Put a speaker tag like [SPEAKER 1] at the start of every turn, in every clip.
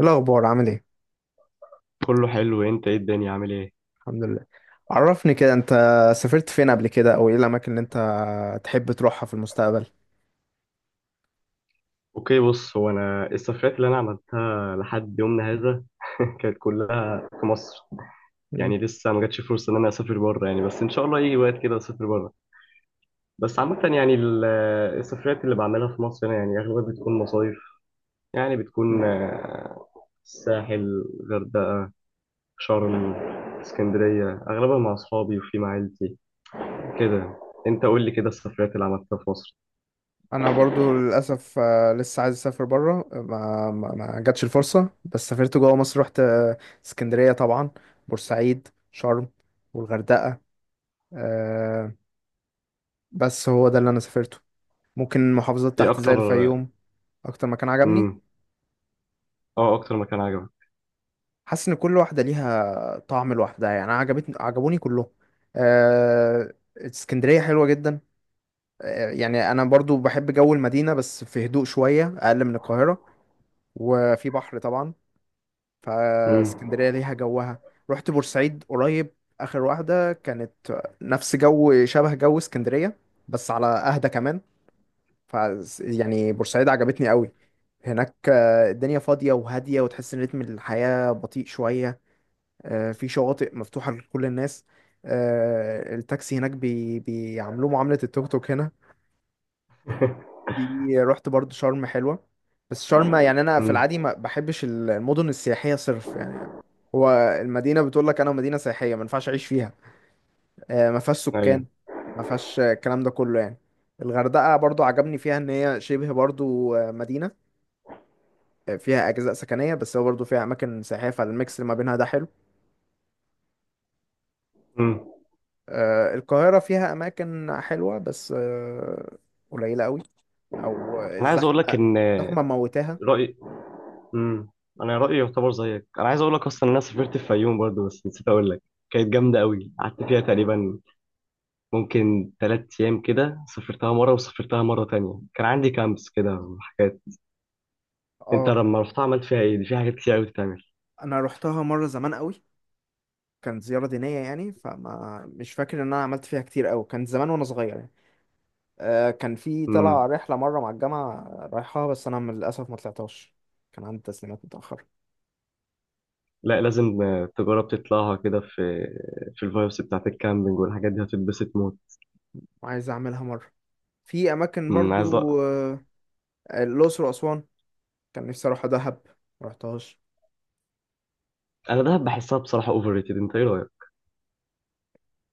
[SPEAKER 1] إيه الأخبار عامل إيه؟
[SPEAKER 2] كله حلو. انت ايه الدنيا عامل ايه؟
[SPEAKER 1] الحمد لله. عرفني كده أنت سافرت فين قبل كده أو إيه الأماكن اللي أنت تحب تروحها في المستقبل؟
[SPEAKER 2] اوكي، بص، هو انا السفرات اللي انا عملتها لحد يومنا هذا كانت كلها في مصر.
[SPEAKER 1] مم.
[SPEAKER 2] يعني لسه ما جاتش فرصه ان انا اسافر بره، يعني بس ان شاء الله يجي وقت كده اسافر بره. بس عامه، يعني، السفرات اللي بعملها في مصر هنا يعني اغلبها بتكون مصايف. يعني
[SPEAKER 1] مم.
[SPEAKER 2] بتكون الساحل، غردقه، شرم، اسكندريه اغلبها مع اصحابي وفي مع عيلتي كده. انت قول لي كده السفرات اللي عملتها في مصر.
[SPEAKER 1] أنا برضو للأسف لسه عايز أسافر برا ما جاتش الفرصة بس سافرت جوا مصر رحت اسكندرية طبعا، بورسعيد، شرم والغردقة. آه، بس هو ده اللي أنا سافرته، ممكن محافظات
[SPEAKER 2] ايه
[SPEAKER 1] تحت زي
[SPEAKER 2] اكتر؟
[SPEAKER 1] الفيوم. أكتر مكان عجبني،
[SPEAKER 2] امم. اه، اكتر مكان عجبك؟
[SPEAKER 1] حاسس ان كل واحده ليها طعم لوحدها، يعني انا عجبوني كلهم. اسكندريه حلوه جدا، يعني انا برضو بحب جو المدينه بس في هدوء شويه اقل من القاهره، وفي بحر طبعا،
[SPEAKER 2] امم.
[SPEAKER 1] فاسكندريه ليها جوها. رحت بورسعيد قريب، اخر واحده كانت، نفس جو شبه جو اسكندريه بس على اهدى كمان. ف يعني بورسعيد عجبتني قوي، هناك الدنيا فاضيه وهاديه وتحس ان رتم الحياه بطيء شويه. في شواطئ مفتوحة لكل الناس. التاكسي هناك بيعاملوه معاملة التوك توك هنا. في رحت برضو شرم حلوة، بس شرم يعني أنا في
[SPEAKER 2] امم.
[SPEAKER 1] العادي ما بحبش المدن السياحية صرف يعني. هو المدينة بتقول لك أنا مدينة سياحية ما ينفعش أعيش فيها، ما فيهاش سكان،
[SPEAKER 2] ايوه.
[SPEAKER 1] ما فيهاش الكلام ده كله يعني. الغردقة برضو عجبني فيها إن هي شبه برضو مدينة، فيها أجزاء سكنية بس هو برضو فيها أماكن سياحية فالميكس اللي ما بينها ده حلو.
[SPEAKER 2] امم.
[SPEAKER 1] القاهرة فيها أماكن حلوة بس قليلة قوي، أو
[SPEAKER 2] انا عايز اقول
[SPEAKER 1] الزحمة،
[SPEAKER 2] لك ان
[SPEAKER 1] الزحمة موتاها.
[SPEAKER 2] رايي، امم انا رايي يعتبر زيك. انا عايز اقول لك اصلا ان انا سافرت الفيوم برضه، بس نسيت اقول لك. كانت جامده
[SPEAKER 1] مم.
[SPEAKER 2] قوي، قعدت فيها تقريبا ممكن 3 ايام كده. سافرتها مره وسافرتها مره تانية، كان عندي كامبس كده وحاجات. انت
[SPEAKER 1] اه.
[SPEAKER 2] لما رحت عملت فيها ايه؟ دي في حاجات كتير قوي تتعمل.
[SPEAKER 1] أنا روحتها مرة زمان قوي، كانت زيارة دينية يعني، فما مش فاكر إن أنا عملت فيها كتير قوي، كان زمان وأنا صغير يعني. كان في طلع
[SPEAKER 2] امم.
[SPEAKER 1] رحلة مرة مع الجامعة رايحها بس أنا للأسف ما طلعتهاش، كان عندي تسليمات متأخرة.
[SPEAKER 2] لا، لازم تجرب تطلعها كده، في الفايبس بتاعت الكامبينج والحاجات دي هتتبسط موت.
[SPEAKER 1] وعايز أعملها مرة. في أماكن
[SPEAKER 2] امم.
[SPEAKER 1] برضو الأقصر وأسوان. كان نفسي أروح دهب، ما رحتهاش.
[SPEAKER 2] انا دهب بحسها بصراحه اوفر ريتد، انت ايه رايك؟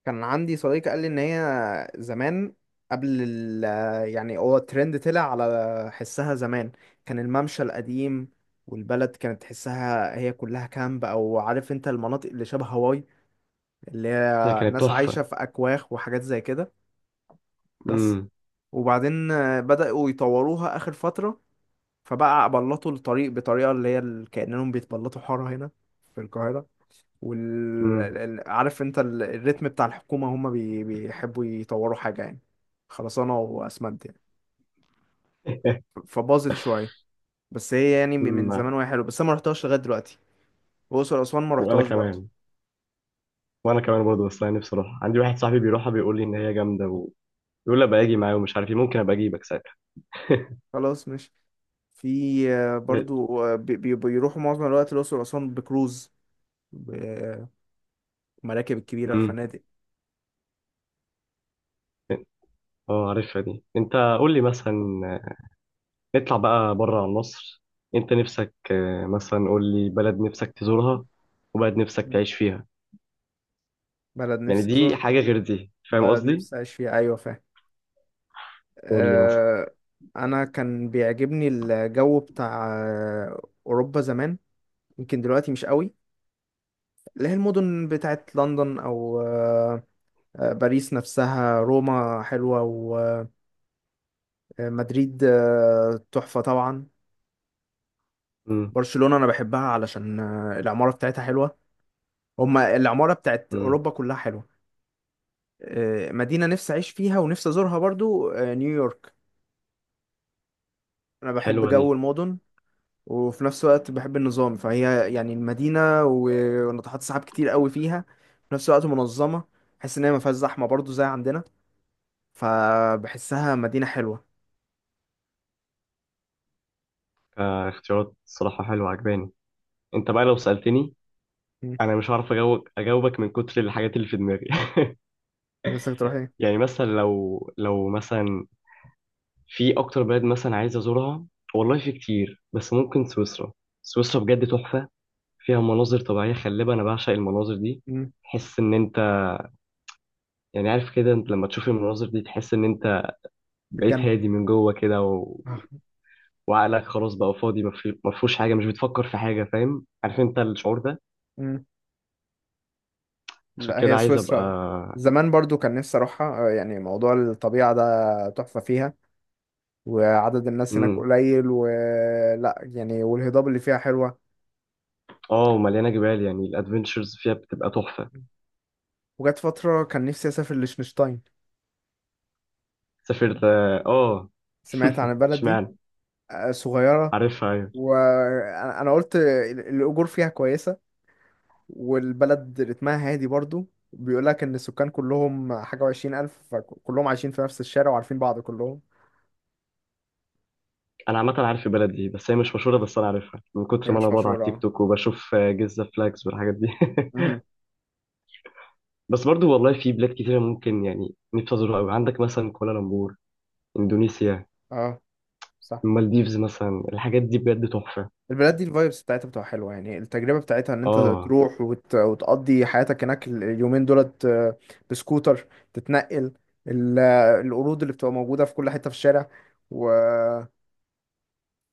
[SPEAKER 1] كان عندي صديق قال لي ان هي زمان، قبل ال يعني هو الترند طلع على حسها زمان، كان الممشى القديم، والبلد كانت تحسها هي كلها كامب، او عارف انت، المناطق اللي شبه هاواي، اللي
[SPEAKER 2] هي
[SPEAKER 1] هي
[SPEAKER 2] كانت
[SPEAKER 1] ناس عايشة
[SPEAKER 2] تحفة.
[SPEAKER 1] في اكواخ وحاجات زي كده. بس.
[SPEAKER 2] امم.
[SPEAKER 1] وبعدين بدأوا يطوروها اخر فترة، فبقى بلطوا الطريق بطريقة كأنهم بيتبلطوا حارة هنا في القاهرة.
[SPEAKER 2] امم.
[SPEAKER 1] عارف انت الريتم بتاع الحكومة، هم بيحبوا يطوروا حاجة يعني، خرسانة وأسمنت يعني، فباظت شوية. بس هي يعني من زمان
[SPEAKER 2] امم.
[SPEAKER 1] وهي حلوة، بس أنا ما رحتهاش لغاية دلوقتي. وأقصر وأسوان ما
[SPEAKER 2] وانا
[SPEAKER 1] رحتهاش برضه.
[SPEAKER 2] كمان، وانا كمان برضه، بس انا نفسي اروح. عندي واحد صاحبي بيروحها بيقول لي ان هي جامدة، ويقول لي ابقى اجي معاه ومش عارف ايه، ممكن ابقى اجيبك ساعتها.
[SPEAKER 1] خلاص ماشي. في برضو بيروحوا معظم الوقت الأقصر وأسوان بكروز، بمراكب الكبيرة،
[SPEAKER 2] امم.
[SPEAKER 1] الفنادق.
[SPEAKER 2] اه، عارفها دي انت. قول لي مثلا، نطلع بقى بره عن مصر. انت نفسك مثلا قول لي بلد نفسك تزورها، وبلد نفسك
[SPEAKER 1] مم.
[SPEAKER 2] تعيش فيها.
[SPEAKER 1] بلد
[SPEAKER 2] يعني
[SPEAKER 1] نفسي
[SPEAKER 2] دي
[SPEAKER 1] أزورها،
[SPEAKER 2] حاجة غير دي، فاهم
[SPEAKER 1] بلد
[SPEAKER 2] قصدي؟
[SPEAKER 1] نفسي أعيش فيها، أيوة فاهم.
[SPEAKER 2] قول لي مثلا.
[SPEAKER 1] أه... أنا كان بيعجبني الجو بتاع أوروبا زمان، يمكن دلوقتي مش قوي. اللي هي المدن بتاعت لندن او آه، آه، باريس نفسها، روما حلوة، ومدريد تحفة طبعا.
[SPEAKER 2] امم.
[SPEAKER 1] برشلونة انا بحبها علشان العمارة بتاعتها حلوة، هما العمارة بتاعت
[SPEAKER 2] امم.
[SPEAKER 1] اوروبا كلها حلوة. مدينة نفسي اعيش فيها ونفسي ازورها برضو نيويورك، انا بحب
[SPEAKER 2] حلوة
[SPEAKER 1] جو
[SPEAKER 2] دي.
[SPEAKER 1] المدن، وفي نفس الوقت بحب النظام، فهي يعني المدينة وناطحات سحاب كتير قوي فيها، في نفس الوقت منظمة، بحس ان هي ما فيهاش زحمة برضو زي عندنا، فبحسها مدينة حلوة.
[SPEAKER 2] اختيارات صراحة حلوة عجباني. انت بقى لو سألتني،
[SPEAKER 1] مم.
[SPEAKER 2] انا مش عارف اجاوبك من كتر الحاجات اللي في دماغي.
[SPEAKER 1] نفسك تروح ايه.
[SPEAKER 2] يعني مثلا، لو مثلا، في اكتر بلد مثلا عايز ازورها. والله في كتير بس ممكن سويسرا. سويسرا بجد تحفة. فيها مناظر طبيعية خلابة، انا بعشق المناظر دي.
[SPEAKER 1] مم.
[SPEAKER 2] تحس ان انت، يعني عارف كده، انت لما تشوف المناظر دي تحس ان انت
[SPEAKER 1] في
[SPEAKER 2] بقيت
[SPEAKER 1] الجنة.
[SPEAKER 2] هادي من جوه كده و
[SPEAKER 1] آه.
[SPEAKER 2] وعقلك خلاص بقى فاضي، ما فيهوش حاجة، مش بتفكر في حاجة، فاهم؟ عارف انت الشعور ده.
[SPEAKER 1] مم.
[SPEAKER 2] عشان
[SPEAKER 1] لا
[SPEAKER 2] كده
[SPEAKER 1] هي
[SPEAKER 2] عايز ابقى.
[SPEAKER 1] سويسرا زمان برضو كان نفسي اروحها، يعني موضوع الطبيعة ده تحفة فيها، وعدد الناس هناك
[SPEAKER 2] امم.
[SPEAKER 1] قليل ولا يعني، والهضاب اللي فيها حلوة.
[SPEAKER 2] اه، ومليانة جبال، يعني الادفنتشرز فيها بتبقى تحفة.
[SPEAKER 1] وجت فترة كان نفسي اسافر لشنشتاين.
[SPEAKER 2] سافرت. اه.
[SPEAKER 1] سمعت عن البلد دي
[SPEAKER 2] اشمعنى؟
[SPEAKER 1] صغيرة،
[SPEAKER 2] عارفها ايوه.
[SPEAKER 1] أنا قلت الاجور فيها كويسة، والبلد رتمها هادي برضو، بيقول لك ان السكان كلهم حاجه و20 الف، فكلهم عايشين في نفس الشارع وعارفين بعض كلهم.
[SPEAKER 2] انا عامه عارف البلد دي بس هي مش مشهوره، بس انا عارفها من
[SPEAKER 1] هي
[SPEAKER 2] كتر ما انا
[SPEAKER 1] مش
[SPEAKER 2] بقعد على
[SPEAKER 1] مشهوره
[SPEAKER 2] التيك
[SPEAKER 1] اه.
[SPEAKER 2] توك وبشوف جيزه فلاكس والحاجات دي.
[SPEAKER 1] مهم.
[SPEAKER 2] بس برضو والله في بلاد كتيره، ممكن يعني نفسي ازورها قوي. عندك مثلا كوالالمبور، اندونيسيا،
[SPEAKER 1] اه. صح.
[SPEAKER 2] المالديفز مثلا، الحاجات دي بجد تحفه.
[SPEAKER 1] البلاد دي الفايبس بتاعتها بتبقى حلوه، يعني التجربه بتاعتها ان انت
[SPEAKER 2] اه،
[SPEAKER 1] تروح وتقضي حياتك هناك اليومين دولت، بسكوتر تتنقل، ال... آه، القرود اللي بتبقى موجوده في كل حته في الشارع، و...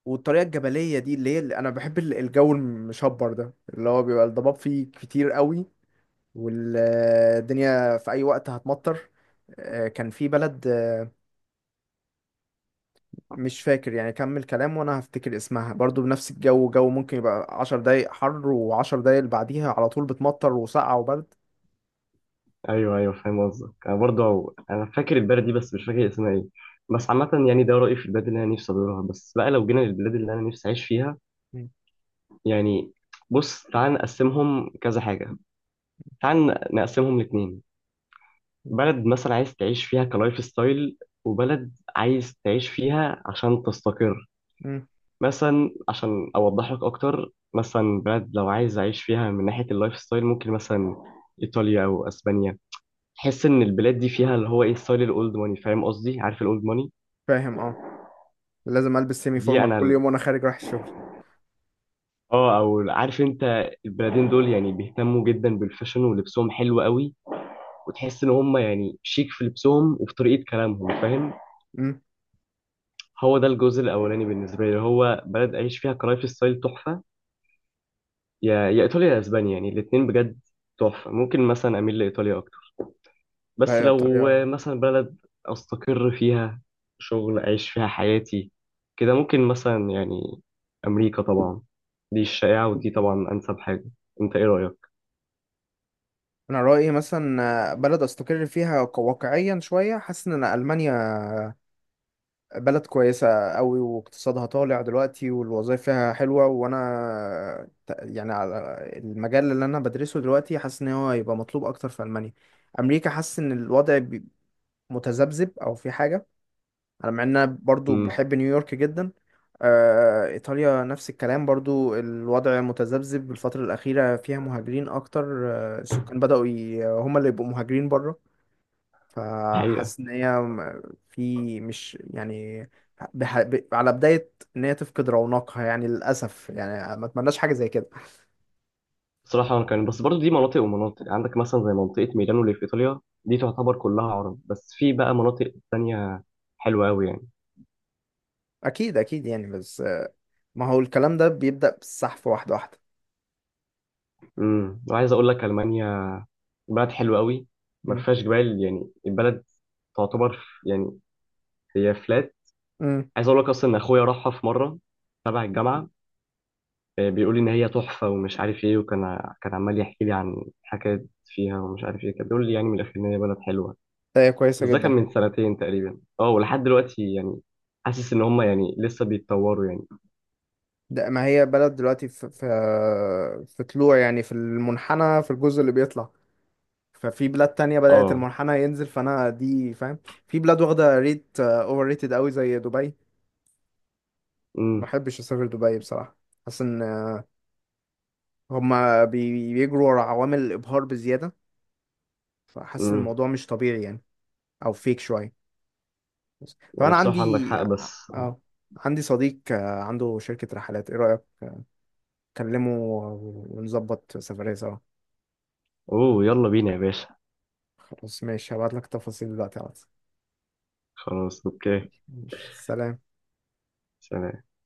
[SPEAKER 1] والطريقه الجبليه دي اللي هي اللي انا بحب الجو المشبر ده اللي هو بيبقى الضباب فيه كتير قوي، والدنيا في اي وقت هتمطر. كان في بلد مش فاكر، يعني كمل كلام وانا هفتكر اسمها، برضو بنفس الجو، جو ممكن يبقى 10 دقايق حر وعشر دقايق اللي بعديها على طول بتمطر وسقعة وبرد.
[SPEAKER 2] ايوه، ايوه، فاهم قصدك. انا برضو انا فاكر البلد دي بس مش فاكر اسمها ايه. بس عامه يعني ده رايي في البلاد اللي انا نفسي ازورها. بس بقى لو جينا للبلاد اللي انا نفسي اعيش فيها،
[SPEAKER 1] مم.
[SPEAKER 2] يعني، بص، تعال نقسمهم كذا حاجة، تعال نقسمهم لاتنين.
[SPEAKER 1] مم.
[SPEAKER 2] بلد مثلا عايز تعيش فيها كلايف ستايل، وبلد عايز تعيش فيها عشان تستقر.
[SPEAKER 1] مم.
[SPEAKER 2] مثلا عشان أوضح لك أكتر، مثلا بلد لو عايز أعيش فيها من ناحية اللايف ستايل ممكن مثلا إيطاليا أو أسبانيا. تحس إن البلاد دي فيها اللي هو إيه، ستايل الأولد ماني، فاهم قصدي؟ عارف الأولد ماني؟
[SPEAKER 1] فاهم اه، لازم البس سيمي
[SPEAKER 2] دي
[SPEAKER 1] فورمال
[SPEAKER 2] أنا
[SPEAKER 1] كل يوم وانا خارج رايح الشغل.
[SPEAKER 2] او عارف انت البلدين دول يعني بيهتموا جدا بالفاشن، ولبسهم حلو قوي. وتحس ان هم يعني شيك في لبسهم وفي طريقه كلامهم، فاهم؟
[SPEAKER 1] مم.
[SPEAKER 2] هو ده الجزء الاولاني بالنسبه لي، اللي هو بلد اعيش فيها كلايف ستايل تحفه. يا ايطاليا يا اسبانيا، يعني الاثنين بجد تحفه. ممكن مثلا اميل لايطاليا اكتر. بس
[SPEAKER 1] لا يا
[SPEAKER 2] لو
[SPEAKER 1] طريقة.
[SPEAKER 2] مثلا بلد استقر فيها، شغل اعيش فيها حياتي كده، ممكن مثلا يعني امريكا طبعا. دي الشائعه، ودي طبعا انسب حاجه. انت ايه رايك؟
[SPEAKER 1] انا رأيي مثلا بلد استقر فيها واقعيا شوية، حاسس ان أنا المانيا بلد كويسة قوي، واقتصادها طالع دلوقتي، والوظائف فيها حلوة، وانا يعني على المجال اللي انا بدرسه دلوقتي، حاسس ان هو هيبقى مطلوب اكتر في المانيا. امريكا حاسس ان الوضع متذبذب او في حاجة، على مع ان انا برضو
[SPEAKER 2] امم.
[SPEAKER 1] بحب نيويورك جدا. ايطاليا نفس الكلام، برضو الوضع متذبذب الفترة الاخيرة، فيها مهاجرين اكتر، السكان بدأوا هم اللي يبقوا مهاجرين بره،
[SPEAKER 2] الحقيقه.
[SPEAKER 1] فحاسس ان هي في، مش يعني، على بداية ان هي تفقد رونقها يعني، للأسف يعني ما اتمناش حاجة زي كده.
[SPEAKER 2] بصراحة كان بس برضو دي مناطق ومناطق، عندك مثلا زي منطقة ميلانو اللي في إيطاليا، دي تعتبر كلها عرب، بس في بقى مناطق تانية حلوة أوي يعني.
[SPEAKER 1] اكيد اكيد يعني، بس ما هو الكلام ده بيبدأ بالسحف واحدة واحدة.
[SPEAKER 2] امم. وعايز أقول لك ألمانيا بلد حلوة أوي. ما
[SPEAKER 1] مم.
[SPEAKER 2] فيهاش جبال، يعني البلد تعتبر يعني هي فلات.
[SPEAKER 1] مم.
[SPEAKER 2] عايز أقول لك أصلا إن أخويا راحها في مرة تبع الجامعة، بيقول لي إن هي تحفة ومش عارف إيه، وكان عمال يحكي لي عن حكايات فيها ومش عارف إيه، كان بيقول لي يعني من الآخر إن هي بلد حلوة.
[SPEAKER 1] ده هي كويسة
[SPEAKER 2] بس ده كان
[SPEAKER 1] جدا.
[SPEAKER 2] من سنتين تقريبا. اه، ولحد دلوقتي يعني حاسس ان هم يعني لسه بيتطوروا يعني.
[SPEAKER 1] ده ما هي بلد دلوقتي في في طلوع، يعني في المنحنى في الجزء اللي بيطلع، ففي بلاد تانية بدأت
[SPEAKER 2] اه.
[SPEAKER 1] المنحنى ينزل، فأنا دي فاهم. في بلاد واخدة ريت اوفر ريتد قوي زي دبي. ما
[SPEAKER 2] امم.
[SPEAKER 1] بحبش أسافر دبي بصراحة، حاسس ان هما بيجروا ورا عوامل الإبهار بزيادة، فحاسس إن
[SPEAKER 2] امم.
[SPEAKER 1] الموضوع مش طبيعي يعني، أو فيك شوية بس.
[SPEAKER 2] يعني
[SPEAKER 1] فأنا
[SPEAKER 2] بصراحة عندك
[SPEAKER 1] عندي،
[SPEAKER 2] حق، بس آه.
[SPEAKER 1] اه، عندي صديق عنده شركة رحلات، إيه رأيك؟ كلمه ونظبط سفرية سوا.
[SPEAKER 2] اوه، يلا بينا يا باشا.
[SPEAKER 1] خلاص ماشي، هبعتلك تفاصيل دلوقتي على الواتس.
[SPEAKER 2] خلاص، اوكي.
[SPEAKER 1] ماشي سلام.
[SPEAKER 2] سلام.